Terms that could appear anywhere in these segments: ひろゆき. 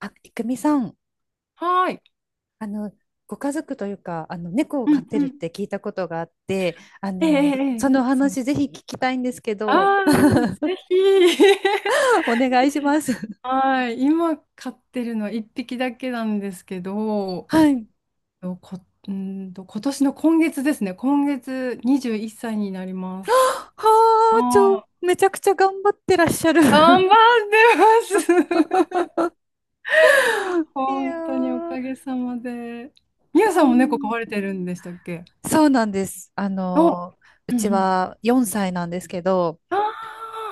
あ、いくみさん、はーい。あの、ご家族というか、猫をう飼っんてうるっん。て聞いたことがあって、えええええそえのおそう。話ぜひ聞きたいんですけど、ああ、ぜひ。お願いします。はい。今飼ってるのは1匹だけなんですけど、はい。とこ、うーんと、今年の今月ですね。今月21歳になります。はあ、あめちゃくちゃ頑張ってらっしゃる。あ、頑張 ってます。い本当におやかー、げさまで。みうゆさんも猫飼ん、われてるんでしたっけ？そうなんです。お、ううんうちん。は4歳なんですけど、あ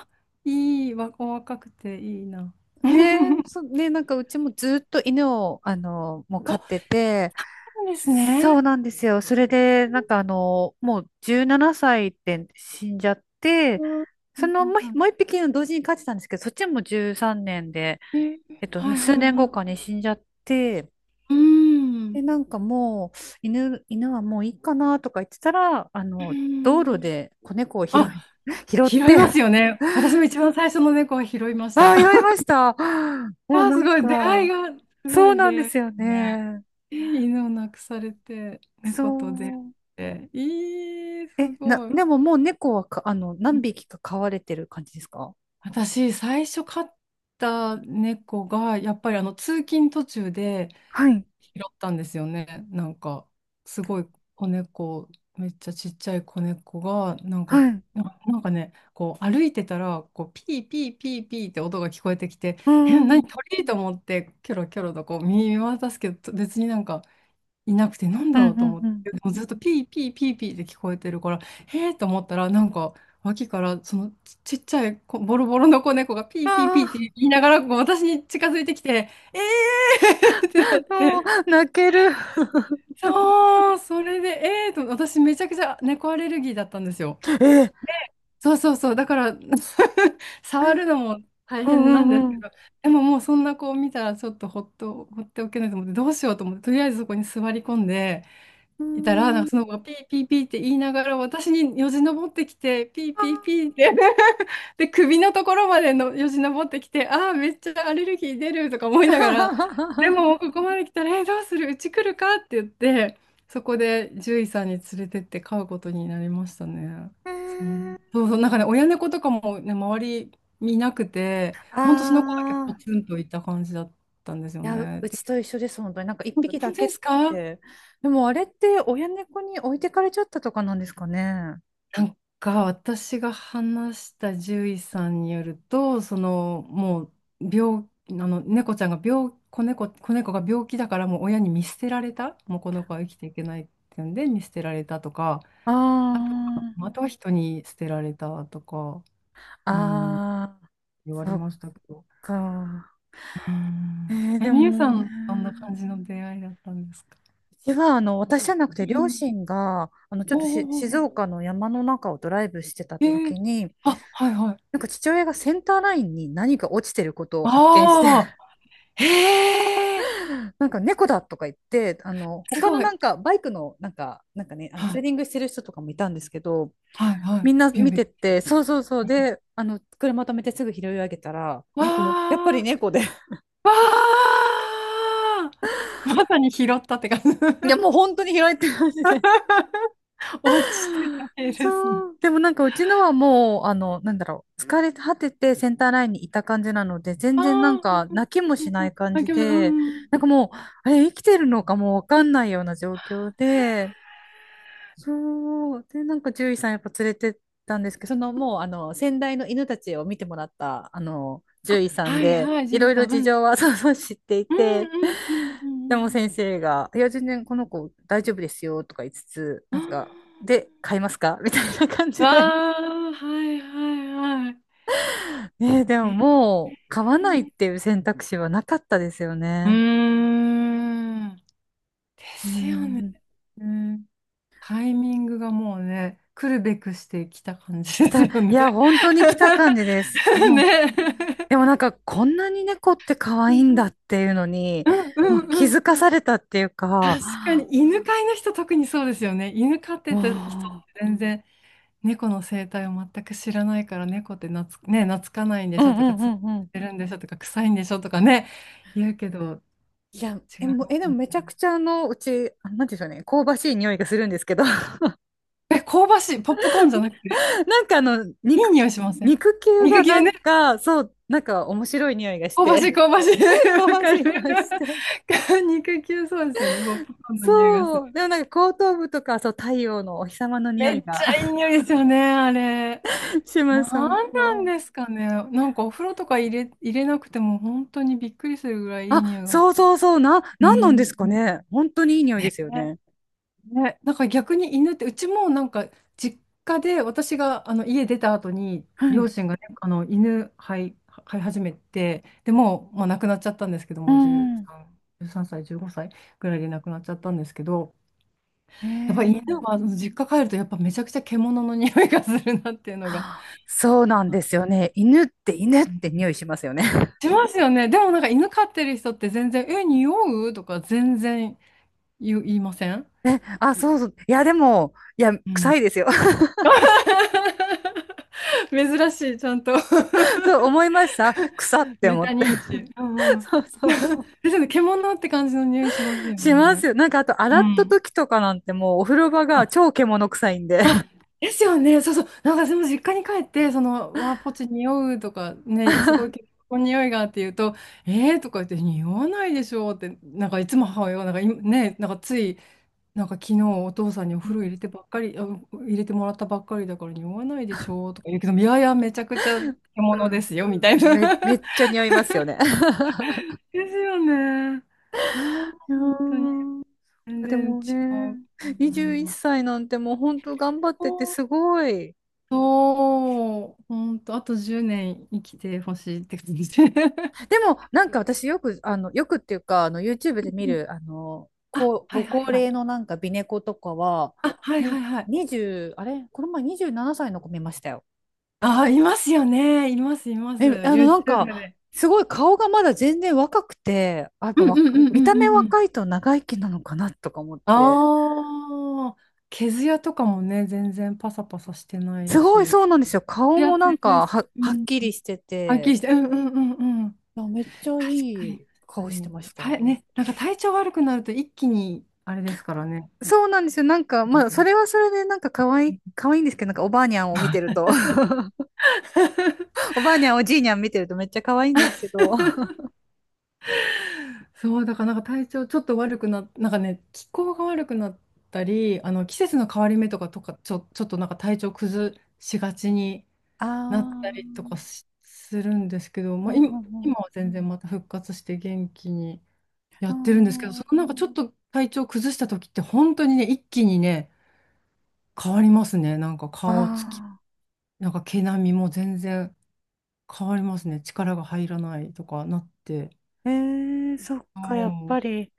あ、いい、わ、お若くていいな。ねえ、ねえ、なんかうちもずっと犬を、もう飼ってて、そうですそね。うなんですよ。それで、なんかもう17歳で死んじゃっうて、んはいそのはいはもう一匹の同時に飼ってたんですけど、そっちも13年で、いえーはいはい数年は後い。かに死んじゃって、うーで、ん。なんかもう、犬はもういいかなとか言ってたら、うー道路んで子猫を拾い、あ、拾っ拾いて、ますよね。私も一番最初の猫は拾いましあた。あ、拾いました。もうあ、なすんごい。出会いか、が、すごそういなん出で会いですよすね。ね。え犬を亡くされて、猫と出会っそう。て。えー、え、すごい。でももう猫はか、う何ん匹か飼われてる感じですか？私、最初飼った猫が、やっぱりあの通勤途中で、はい、拾ったんですよね。なんか、すごい子猫、めっちゃちっちゃい子猫が、なんはか、い。うな、なんかね、こう歩いてたら、こうピーピーピーピーって音が聞こえてきて、ーえ、ん、う何ん、鳥と思って、キョロキョロとこう見渡すけど、別になんかいなくて、なんうだん、ろうと思っうん。て、でもずっとピーピーピーピーって聞こえてるから、へえと思ったら、なんか、脇からちっちゃい子ボロボロの子猫がピーピーピーっあて言いながらこう私に近づいてきて、えーってなあ、もって。う、泣ける。そう、それで、私めちゃくちゃ猫アレルギーだったんですよ。え、そうそうそう、だから 触るのも大う変なん、んでうすけん、ど、でももうそんな子を見たらちょっとほっと、ほっておけないと思って、どうしようと思って、とりあえずそこに座り込んでういたら、ん。なんうーかそのん。子がピーピーピーって言いながら、私によじ登ってきて、ピーあピーピーってで、首のところまでのよじ登ってきて、ああ、めっちゃアレルギー出るとか思いー ながら、でももうここまで来たら、え、どうするうち来るかって言って、そこで獣医さんに連れてって飼うことになりましたね。えそう、ー、そうそう、なんかね、親猫とかもね、周り見なくて、あほんとその子だけポー。ツンといた感じだったんですよいや、ね。うちとで、一緒です、本当に。なんか一本匹だ当けでっすか？て。でもあれって親猫に置いてかれちゃったとかなんですかね。が私が話した獣医さんによると、そのもう病あの猫ちゃんが病子猫、子猫が病気だからもう親に見捨てられた、もうこの子は生きていけないっていうんで見捨てられたとか、ああとは人に捨てられたとか、あ、うん、ああ、言われそっましたけど。か。うえん。ー、え、でみゆさもね。ん、どんな感じの出会いだったんですか？私じゃなくて、う両ん親が、ちょっおーとしお静ーお岡の山の中をドライブしてたーえー時に、あ、はいはい。なんか父親がセンターラインに何か落ちてることを発見して、ああ、へえ、なんか猫だとか言って、す他のごない。んかバイクの、なんかね、はツーいリングしてる人とかもいたんですけど、はいはみい。んなビュン見ビュン。てて、そうそうそう、で、車止めてすぐ拾い上げたら、やっぱりわ猫で、ー、わー、まさに拾ったって感じ。いや、もう本当に拾えてますね。 落ちてた系ですね。そう。でもなんかうちのはもう、なんだろう。疲れ果ててセンターラインにいた感じなので、全ああ、然なんうんかうん泣きもしうなんうん。い感あ、餃じ子、うで、ん。なんかもう、あれ生きてるのかもうわかんないような状況で、そう。で、なんか獣医さんやっぱ連れてったんですけど、そのもうあの先代の犬たちを見てもらったあの獣医さんはいで、はい、ジいュろリいろさん。う事ん。情は そうそう知っていうて、んうんうでもんうん先生が、いや、全然この子大丈夫ですよとか言いつつ、うなんんうん。か、で、買いますかみたいな感あじで。あ、わー、はいはいはい。ねえ、でえももうー、買わないっていう選択肢はなかったですようーね。ん。でうすよね。ん。タイミングがもうね、来るべくしてきた感じ来ですた、いよね。や、本当に来た感じです。もうでね。もなんかこんなに猫って可う愛いんんだっていうのに、うんもう気うんづかうん。されたっていうか、確かに犬飼いの人特にそうですよね。犬飼ってた人っもて全然猫の生態を全く知らないから、猫ってなつ、ね、懐かないんでう、うしょん、うとか、ん、うつっん、うん。てるんでしょとか、臭いんでしょとかね言うけど、いや、違え、いまもう、え、ですもよめちね。ゃくちゃあ、なんていうんでしょうね、香ばしい匂いがするんですけど、え、香ばしいポップコーンじゃなくてなんかいい匂いしません？肉球肉が球 なん か、そう、なんか面白い匂いがし香ばて、しい、香ばしい。わ香ばかしる。い匂いして。肉球そうですよね。ポップコーンの匂いがする。そう、でもなんか後頭部とか、そう、太陽のお日様の匂めいっちが ゃいい匂いですよね、あれ。します、本なんなんで当。すかね。お風呂とか入れなくても本当にびっくりするぐらいいあ、い匂いがすそうる。そうそう、うなんなんですかん。ね。本当にいい匂いですよねね。ね、なんか逆に犬って、うちもなんか実家で私があの家出た後には両い。親がね、あの犬飼い、飼い始めて、でもう、まあ、亡くなっちゃったんですけどうも、13、ん。1歳、15歳ぐらいで亡くなっちゃったんですけど、えやっぱりー、犬はあの実家帰るとやっぱめちゃくちゃ獣の匂いがするなっていうのが。そうなんあ、ですよね。犬って匂いしますよね。しますよね。でもなんか犬飼ってる人って全然、え、匂うとか全然言いません？ え、あ、そうそう。いや、でも、いや、う臭ん。いですよ。珍しい、ちゃんと。そう思いました。臭ってメ思タって。認知。うんう ん。そう そでうそう。すよね、獣って感じの匂いしますよしますね。よ。なんか、あと、う洗ったん。時とかなんてもう、お風呂場があ、超獣臭いんで。ですよね。そうそう。なんかでも実家に帰って、その、わあ、ポチ匂うとかね、すごい結構匂いがって言うと、えーとか言って、匂わないでしょうって、なんかいつも母親が、なんかいね、なんかつい、なんか昨日お父さんにおう風呂入ん。れてばっかり、あ入れてもらったばっかりだから匂わないでしょうとか言うけど、いやいや、めちゃくちゃ獣うでん、すよ、みたいな。めっちゃ匂いますよね。ですよね。ああ、いや本当に。ー、全で然違もう。ね、う21ん歳なんてもう本当頑張っててそう、すごい。そう、ほんと、あと10年生きてほしいって感じ。で もなんか私よく、よくっていうか、YouTube で見る、あ、こう、はごいは高いはい。齢のなんか美猫とかは、あ、はいはいに、はい。20、あれこの前27歳の子見ましたよ。あー、いますよね。います、います。え、なん YouTube か、で。すごい顔がまだ全然若くて、あ、やっうぱんうんうんう見んうた目んうん。若いと長生きなのかなとか思って。ああ、毛艶とかもね、全然パサパサしてないすごいし。そうなんですよ。ツ顔ヤもツなヤんでかす。うはっん。きりしてはっきて。りして、うんうんうんうん。あ、めっちゃい確かに、確いか顔してに。ましそう体た。ね、なんか体調悪くなると一気にあれですからね。そうなんですよ。なんか、まあ、それはそれで、なんか可愛い、可愛いんですけど、なんかおばあにゃんを見てると、おばあにゃん、おじいにゃん見てるとめっちゃ可愛いんですけど。あ、そう、だからなんか体調ちょっと悪くなっ、なんかね、気候が悪くなったり、あの季節の変わり目とか、ちょっとなんか体調崩しがちになっあ、たりとかしするんですけど、うまあ、ん、今、う今ん、は全然また復活して元気にやうってるんですけど、ん。そのなんかちょっと体調崩した時って本当にね、一気にね、変わりますね。なんかあ顔つき、あ。あ、なんか毛並みも全然変わりますね。力が入らないとかなって。えー、そっそか、やっぱう、り、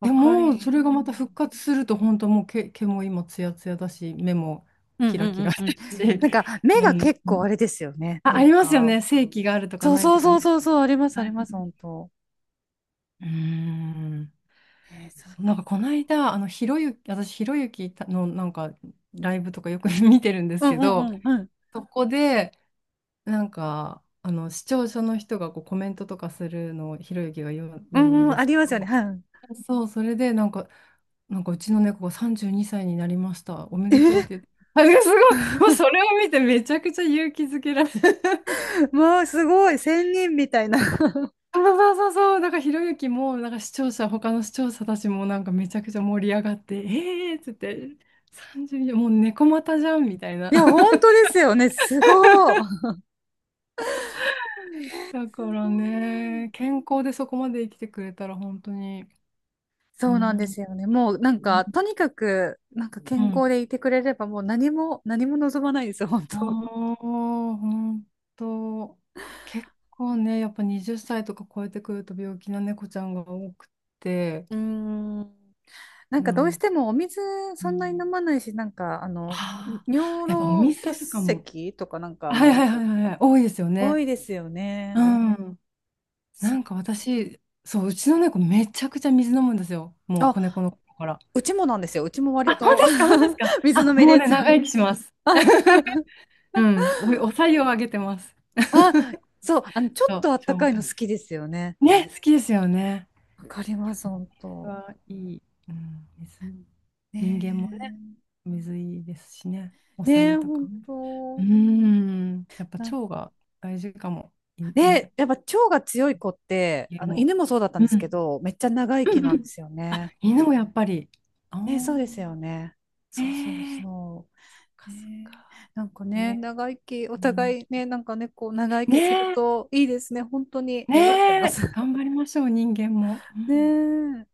わでかも、そり、れがうまた復ん、活すると、本当もう毛も今ツヤツヤだし、目もうん、キラうキラん、だうん、うん。し、なんか、う目がん、結構あれですよね。なあんりますよか、ね。正気があるとかそうないそとうかそうね。そうそう、あります、あはりい、ます、本当。うん。えー、そっそう、なんかこか。の間、あの、ひろゆき、私、ひろゆきのなんかライブとかよく 見てるんでうすん、けうど、ん、うん、うん。そこで、なんか、あの、視聴者の人がこうコメントとかするのをひろゆきが読む、う読むんん、うでん、あすけりますよね。ど、はい。そう、それでなんか、なんかうちの猫が32歳にさいになりました。おめえでとうってー 言って。あ、すごい。もうそ れを見てめちゃくちゃ勇気づけられる。まあ、すごい、仙人みたいな。そうそうそうそう。なんかひろゆきも、なんか視聴者、他の視聴者たちもなんかめちゃくちゃ盛り上がって、えーっつって、32、もう猫股じゃんみたいな。いや、本当ですよね。すごい。だかすらごね、い。健康でそこまで生きてくれたら本当に、うそうなんでん、すよね。もうなんか、とにかく、なんかう健ん。康でいてくれれば、もう何も、何も望まないですよ、本当。おー、本当。結構ね、やっぱ20歳とか超えてくると病気な猫ちゃんが多くて、うーん。なんうかどうしん。てもお水うそんなに飲ん、まないし、なんか、ああ、尿やっぱお路店あ結るかも。石とかなんか、はいはいはいはいはい、多いですよ多ね。いですようね。ん。うん、なそんう。か私、そう、うちの猫めちゃくちゃ水飲むんですよ。もうあ、子猫の頃から。うちもなんですよ。うちも割あ、本当と ですか、本当ですか。あ、水飲みもうでね、す。長生きします。うん。お白湯をあげてます。あ、そう、ちょそっとう、あった消かい化。の好きですよね。ね、好きですよね。わかりまやす、っぱ本水当。はいい。うん、水。人間もね、ね水いいですしね。おえ、ね白え、湯とか本ね。う当。ん。やっぱなん、腸が大事かも。いねね。え、やっぱ腸が強い子って、家も。犬もそうだったんうん。ですうけど、めっちゃ長生んきなうんでん。すよあ、ね。犬もやっぱり。あねえ、そうですよあ。ね。そうそうええ、そそっう。かそっか。ねえ、なんかえね、え、長生き、おうん、互いね、なんかね、こう、長生きねするえ。といいですね。本当にね願ってます。え。頑張りましょう、人間も。うねんえ。